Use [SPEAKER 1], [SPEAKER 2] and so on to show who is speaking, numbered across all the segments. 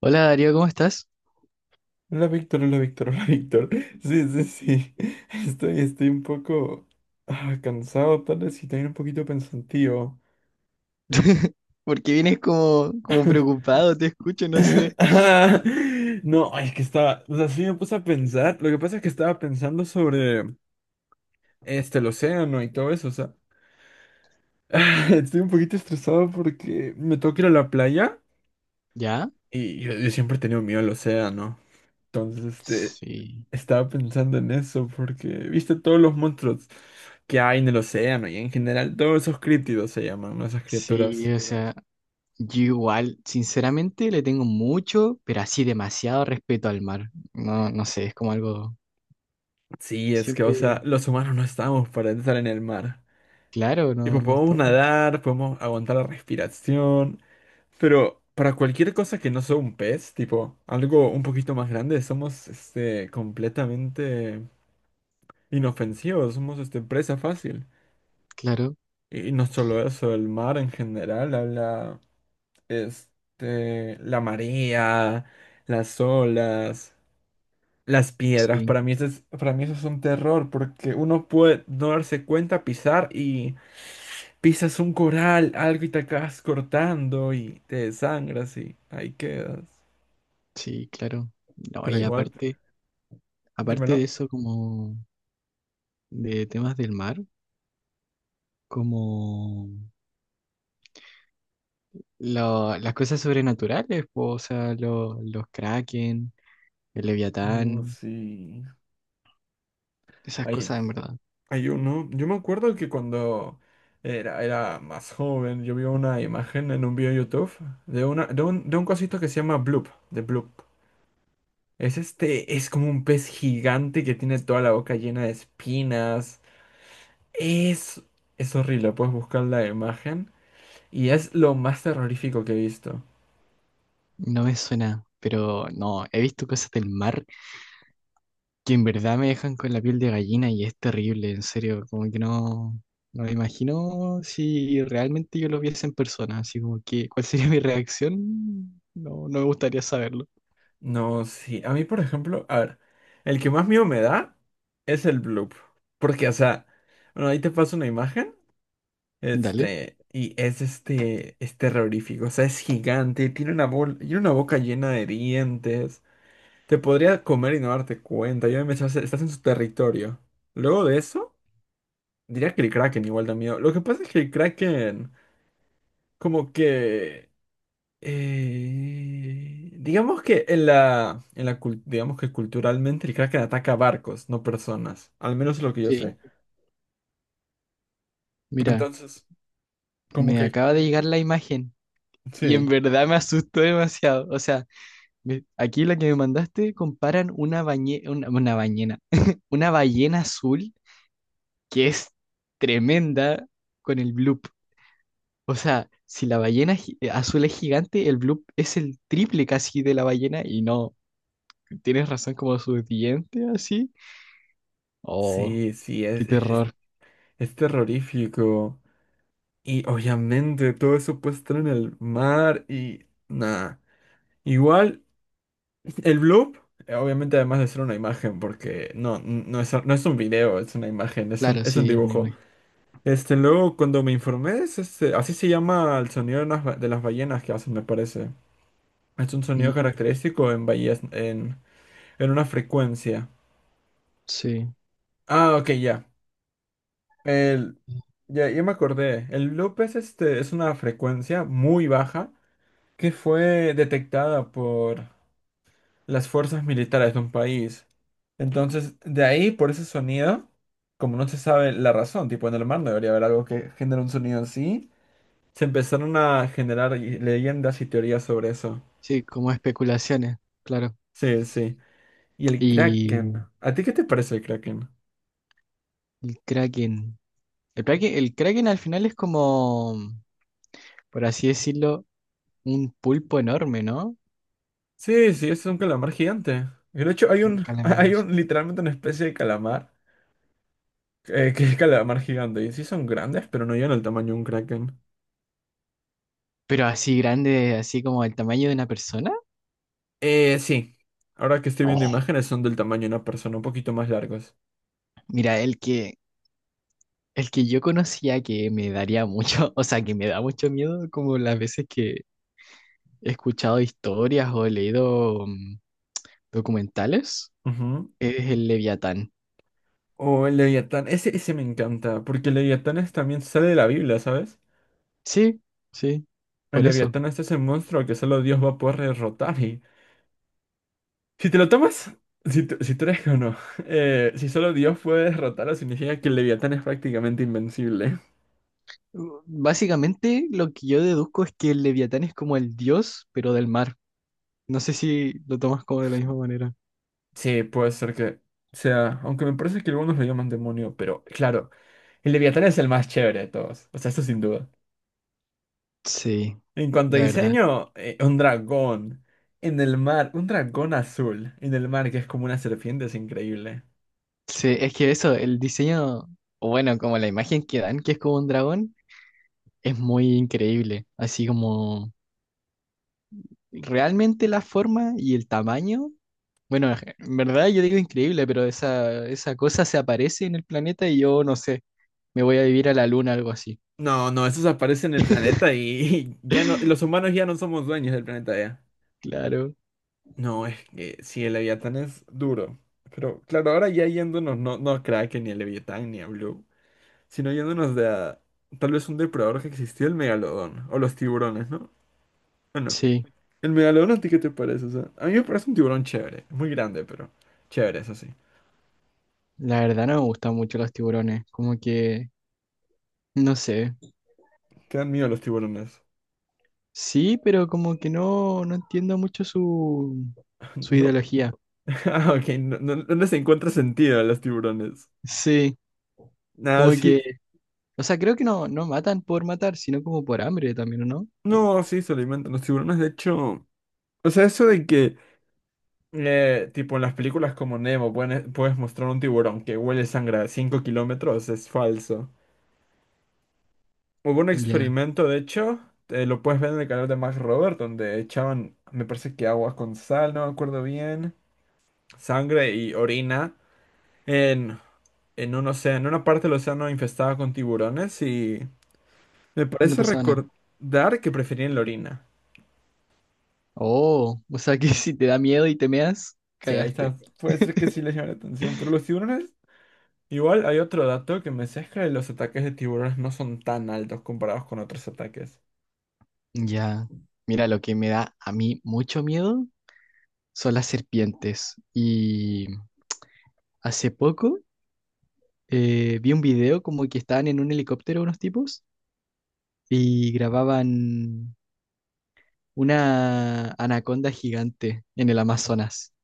[SPEAKER 1] Hola Darío, ¿cómo estás?
[SPEAKER 2] Hola Víctor, hola Víctor, hola Víctor. Sí, sí, sí. Estoy un poco cansado, tal vez, y también un poquito pensativo.
[SPEAKER 1] Porque vienes como preocupado, te escucho, no sé.
[SPEAKER 2] Ah, No, ay, es que estaba, o sea, sí me puse a pensar. Lo que pasa es que estaba pensando sobre el océano y todo eso, o sea. Estoy un poquito estresado porque me toca ir a la playa
[SPEAKER 1] ¿Ya?
[SPEAKER 2] y yo siempre he tenido miedo al océano. Entonces,
[SPEAKER 1] Sí,
[SPEAKER 2] estaba pensando en eso porque, viste, todos los monstruos que hay en el océano y en general, todos esos críptidos se llaman, ¿no? Esas
[SPEAKER 1] sí,
[SPEAKER 2] criaturas.
[SPEAKER 1] o sea, yo igual, sinceramente le tengo mucho, pero así demasiado respeto al mar. No, no sé, es como algo
[SPEAKER 2] Sí, es que, o
[SPEAKER 1] siempre,
[SPEAKER 2] sea, los humanos no estamos para estar en el mar.
[SPEAKER 1] claro, no,
[SPEAKER 2] Tipo,
[SPEAKER 1] no
[SPEAKER 2] podemos
[SPEAKER 1] tomo,
[SPEAKER 2] nadar, podemos aguantar la respiración, pero para cualquier cosa que no sea un pez, tipo, algo un poquito más grande, somos, completamente inofensivos, somos, presa fácil.
[SPEAKER 1] claro,
[SPEAKER 2] Y no solo eso, el mar en general habla la marea, las olas, las piedras.
[SPEAKER 1] sí,
[SPEAKER 2] Para mí eso es un terror porque uno puede no darse cuenta, pisar y pisas un coral, algo y te acabas cortando y te desangras y ahí quedas.
[SPEAKER 1] sí, claro. No,
[SPEAKER 2] Pero
[SPEAKER 1] y
[SPEAKER 2] igual,
[SPEAKER 1] aparte, aparte
[SPEAKER 2] dímelo.
[SPEAKER 1] de eso, como de temas del mar, como las cosas sobrenaturales, po, o sea, los kraken. El Leviatán,
[SPEAKER 2] Sí.
[SPEAKER 1] esas
[SPEAKER 2] Hay,
[SPEAKER 1] cosas en verdad.
[SPEAKER 2] hay uno. Yo me acuerdo que cuando era más joven, yo vi una imagen en un video de YouTube de un cosito que se llama Bloop, de Bloop. Es es como un pez gigante que tiene toda la boca llena de espinas. Es, es horrible, puedes buscar la imagen. Y es lo más terrorífico que he visto.
[SPEAKER 1] No me suena, pero no, he visto cosas del mar que en verdad me dejan con la piel de gallina y es terrible, en serio, como que no me imagino si realmente yo lo viese en persona, así como que, ¿cuál sería mi reacción? No, no me gustaría saberlo.
[SPEAKER 2] No, sí. A mí, por ejemplo, a ver, el que más miedo me da es el bloop. Porque, o sea, bueno, ahí te paso una imagen.
[SPEAKER 1] Dale.
[SPEAKER 2] Y es es terrorífico. O sea, es gigante, tiene una, tiene una boca llena de dientes. Te podría comer y no darte cuenta. Estás en su territorio. Luego de eso, diría que el Kraken igual da miedo. Lo que pasa es que el Kraken, como que. Digamos que digamos que culturalmente el Kraken ataca barcos, no personas. Al menos es lo que yo
[SPEAKER 1] Sí.
[SPEAKER 2] sé.
[SPEAKER 1] Mira,
[SPEAKER 2] Entonces, como
[SPEAKER 1] me
[SPEAKER 2] que.
[SPEAKER 1] acaba de llegar la imagen y en
[SPEAKER 2] Sí.
[SPEAKER 1] verdad me asustó demasiado. O sea, aquí la que me mandaste comparan una bañena, una ballena azul que es tremenda con el bloop. O sea, si la azul es gigante, el bloop es el triple casi de la ballena y no, tienes razón como su diente así. Oh,
[SPEAKER 2] Sí, sí,
[SPEAKER 1] qué terror.
[SPEAKER 2] es terrorífico. Y obviamente todo eso puede estar en el mar y. Nada. Igual. El bloop, obviamente, además de ser una imagen, porque no es un video, es una imagen,
[SPEAKER 1] Claro,
[SPEAKER 2] es un
[SPEAKER 1] sí, es una
[SPEAKER 2] dibujo.
[SPEAKER 1] imagen.
[SPEAKER 2] Luego, cuando me informé, así se llama el sonido de de las ballenas que hacen, me parece. Es un sonido
[SPEAKER 1] Mm,
[SPEAKER 2] característico en ballenas, en una frecuencia.
[SPEAKER 1] sí,
[SPEAKER 2] Ah, ok, ya. El, ya me acordé. El bloop es, es una frecuencia muy baja que fue detectada las fuerzas militares de un país. Entonces, de ahí, por ese sonido, como no se sabe la razón, tipo en el mar no debería haber algo que genere un sonido en sí, se empezaron a leyendas y teorías sobre eso.
[SPEAKER 1] sí, como especulaciones, claro.
[SPEAKER 2] Sí, sí. Y el Kraken.
[SPEAKER 1] Y
[SPEAKER 2] ¿A ti qué te parece el Kraken?
[SPEAKER 1] el Kraken. El Kraken, el Kraken al final es como, por así decirlo, un pulpo enorme, ¿no?
[SPEAKER 2] Sí, sí, es un calamar gigante. Y de hecho,
[SPEAKER 1] Un calamar.
[SPEAKER 2] hay un, literalmente una especie de calamar, que es calamar gigante. Y sí son grandes, pero no llegan al tamaño de un Kraken.
[SPEAKER 1] Pero así grande, así como el tamaño de una persona.
[SPEAKER 2] Sí. Ahora que estoy viendo
[SPEAKER 1] Oh,
[SPEAKER 2] imágenes, son del tamaño de una persona, un poquito más largos.
[SPEAKER 1] mira, el que yo conocía que me daría mucho, o sea, que me da mucho miedo, como las veces que he escuchado historias o he leído documentales,
[SPEAKER 2] Ujú.
[SPEAKER 1] es el Leviatán.
[SPEAKER 2] O el Leviatán, ese me encanta, porque también sale de la Biblia, ¿sabes?
[SPEAKER 1] Sí, sí,
[SPEAKER 2] El
[SPEAKER 1] por eso.
[SPEAKER 2] Leviatán es ese monstruo que solo Dios va a poder derrotar y... Si te lo tomas, si tú eres que no, si solo Dios puede derrotarlo, significa que el Leviatán es prácticamente invencible.
[SPEAKER 1] Básicamente lo que yo deduzco es que el Leviatán es como el dios, pero del mar. No sé si lo tomas como de la misma manera.
[SPEAKER 2] Sí, puede ser que sea, aunque me parece que algunos lo llaman demonio, pero claro, el Leviatán es el más chévere de todos, o sea, eso sin duda.
[SPEAKER 1] Sí,
[SPEAKER 2] En cuanto a
[SPEAKER 1] la verdad.
[SPEAKER 2] diseño, un dragón en el mar, un dragón azul en el mar que es como una serpiente, es increíble.
[SPEAKER 1] Sí, es que eso, el diseño, o bueno, como la imagen que dan, que es como un dragón. Es muy increíble, así como realmente la forma y el tamaño. Bueno, en verdad yo digo increíble, pero esa cosa se aparece en el planeta y yo no sé, me voy a vivir a la luna, algo así.
[SPEAKER 2] No, no, esos aparecen en el planeta y, ya no, los humanos ya no somos dueños del planeta ya.
[SPEAKER 1] Claro,
[SPEAKER 2] No, es que sí, el Leviatán es duro. Pero claro, ahora ya yéndonos, no, no Kraken, ni el Leviatán, ni a Blue, sino tal vez un depredador que existió, el megalodón, o los tiburones, ¿no? ¿O no?
[SPEAKER 1] sí.
[SPEAKER 2] ¿El megalodón a ti qué te parece? O sea, a mí me parece un tiburón chévere, muy grande, pero chévere, eso sí.
[SPEAKER 1] La verdad no me gustan mucho los tiburones, como que, no sé.
[SPEAKER 2] Te dan miedo los tiburones.
[SPEAKER 1] Sí, pero como que no entiendo mucho su
[SPEAKER 2] No,
[SPEAKER 1] ideología.
[SPEAKER 2] ok, no les encuentra sentido a los tiburones.
[SPEAKER 1] Sí, como
[SPEAKER 2] Nada, sí.
[SPEAKER 1] que, o sea, creo que no matan por matar, sino como por hambre también, ¿o no?
[SPEAKER 2] No, sí, se alimentan los tiburones. De hecho, o sea, eso de que, tipo, en las películas como Nemo puedes mostrar un tiburón que huele sangre a 5 km es falso. Hubo un
[SPEAKER 1] Ya,
[SPEAKER 2] experimento, de hecho, lo puedes ver en el canal de Max Robert, donde echaban, me parece que agua con sal, no me acuerdo bien, sangre y orina en, en un océano, en una parte del océano infestada con tiburones y. Me
[SPEAKER 1] no
[SPEAKER 2] parece
[SPEAKER 1] pasaba nada.
[SPEAKER 2] recordar que preferían la orina.
[SPEAKER 1] Oh, o sea que si te da miedo y te meas,
[SPEAKER 2] Sí, ahí
[SPEAKER 1] cagaste.
[SPEAKER 2] está. Puede ser que sí les llame la atención. Pero los tiburones, igual hay otro dato que me sesga de los ataques de tiburones no son tan altos comparados con otros ataques.
[SPEAKER 1] Ya. Mira, lo que me da a mí mucho miedo son las serpientes. Y hace poco vi un video como que estaban en un helicóptero unos tipos y grababan una anaconda gigante en el Amazonas.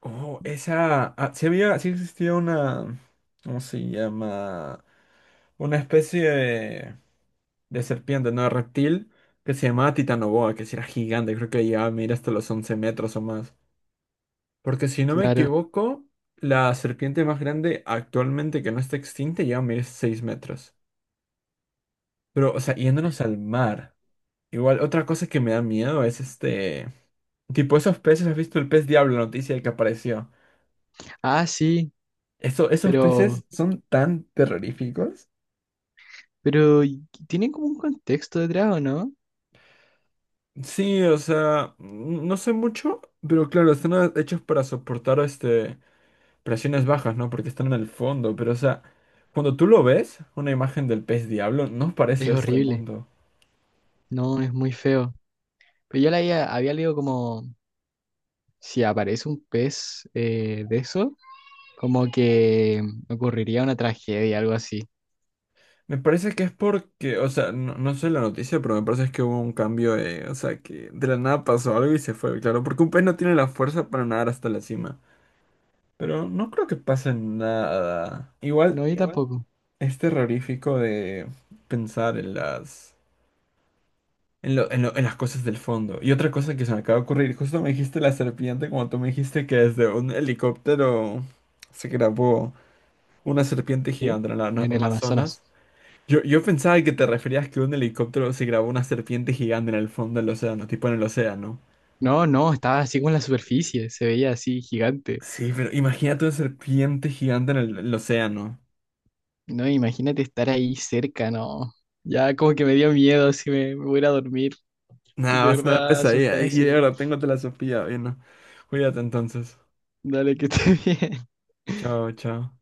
[SPEAKER 2] Oh, esa. Ah, sí había, sí existía una. ¿Cómo se llama? Una especie de serpiente, no de reptil, que se llamaba Titanoboa, que sí era gigante, creo que llegaba a medir hasta los 11 metros o más. Porque si no me
[SPEAKER 1] Claro.
[SPEAKER 2] equivoco, la serpiente más grande actualmente que no está extinta ya mide 6 metros. Pero, o sea, yéndonos al mar. Igual, otra cosa que me da miedo es este... Tipo, esos peces, ¿has visto el pez diablo, la noticia que apareció?
[SPEAKER 1] Ah, sí,
[SPEAKER 2] Eso, esos
[SPEAKER 1] pero,
[SPEAKER 2] peces son tan terroríficos.
[SPEAKER 1] tienen como un contexto detrás, ¿o no?
[SPEAKER 2] Sí, o sea, no sé mucho, pero claro, están hechos para soportar presiones bajas, ¿no? Porque están en el fondo, pero o sea, cuando tú lo ves, una imagen del pez diablo, no
[SPEAKER 1] Es
[SPEAKER 2] parece este
[SPEAKER 1] horrible.
[SPEAKER 2] mundo.
[SPEAKER 1] No, es muy feo. Pero yo había leído como si aparece un pez de eso, como que ocurriría una tragedia, algo así.
[SPEAKER 2] Me parece que es porque, o sea, no, no sé la noticia, pero me parece que hubo un cambio, o sea, que de la nada pasó algo y se fue, claro, porque un pez no tiene la fuerza para nadar hasta la cima. Pero no creo que pase nada. Igual
[SPEAKER 1] No, yo igual tampoco.
[SPEAKER 2] es terrorífico de pensar en en en en las cosas del fondo. Y otra cosa que se me acaba de ocurrir, justo me dijiste la serpiente, como tú me dijiste que desde un helicóptero se grabó una serpiente
[SPEAKER 1] Sí.
[SPEAKER 2] gigante en la
[SPEAKER 1] En el Amazonas.
[SPEAKER 2] Amazonas. Yo pensaba que te referías que un helicóptero se grabó una serpiente gigante en el fondo del océano, tipo en el océano.
[SPEAKER 1] No, no, estaba así con la superficie, se veía así gigante.
[SPEAKER 2] Sí, pero imagínate una serpiente gigante en el océano.
[SPEAKER 1] No, imagínate estar ahí cerca, no. Ya como que me dio miedo, si me, me voy a ir a dormir,
[SPEAKER 2] Nada,
[SPEAKER 1] de
[SPEAKER 2] vas a tener
[SPEAKER 1] verdad. Ah,
[SPEAKER 2] pesadilla. ¿eh? Y
[SPEAKER 1] asustadísimo.
[SPEAKER 2] ahora tengo telasofía, bien. ¿No? Cuídate entonces.
[SPEAKER 1] Dale, que esté bien.
[SPEAKER 2] Chao, chao.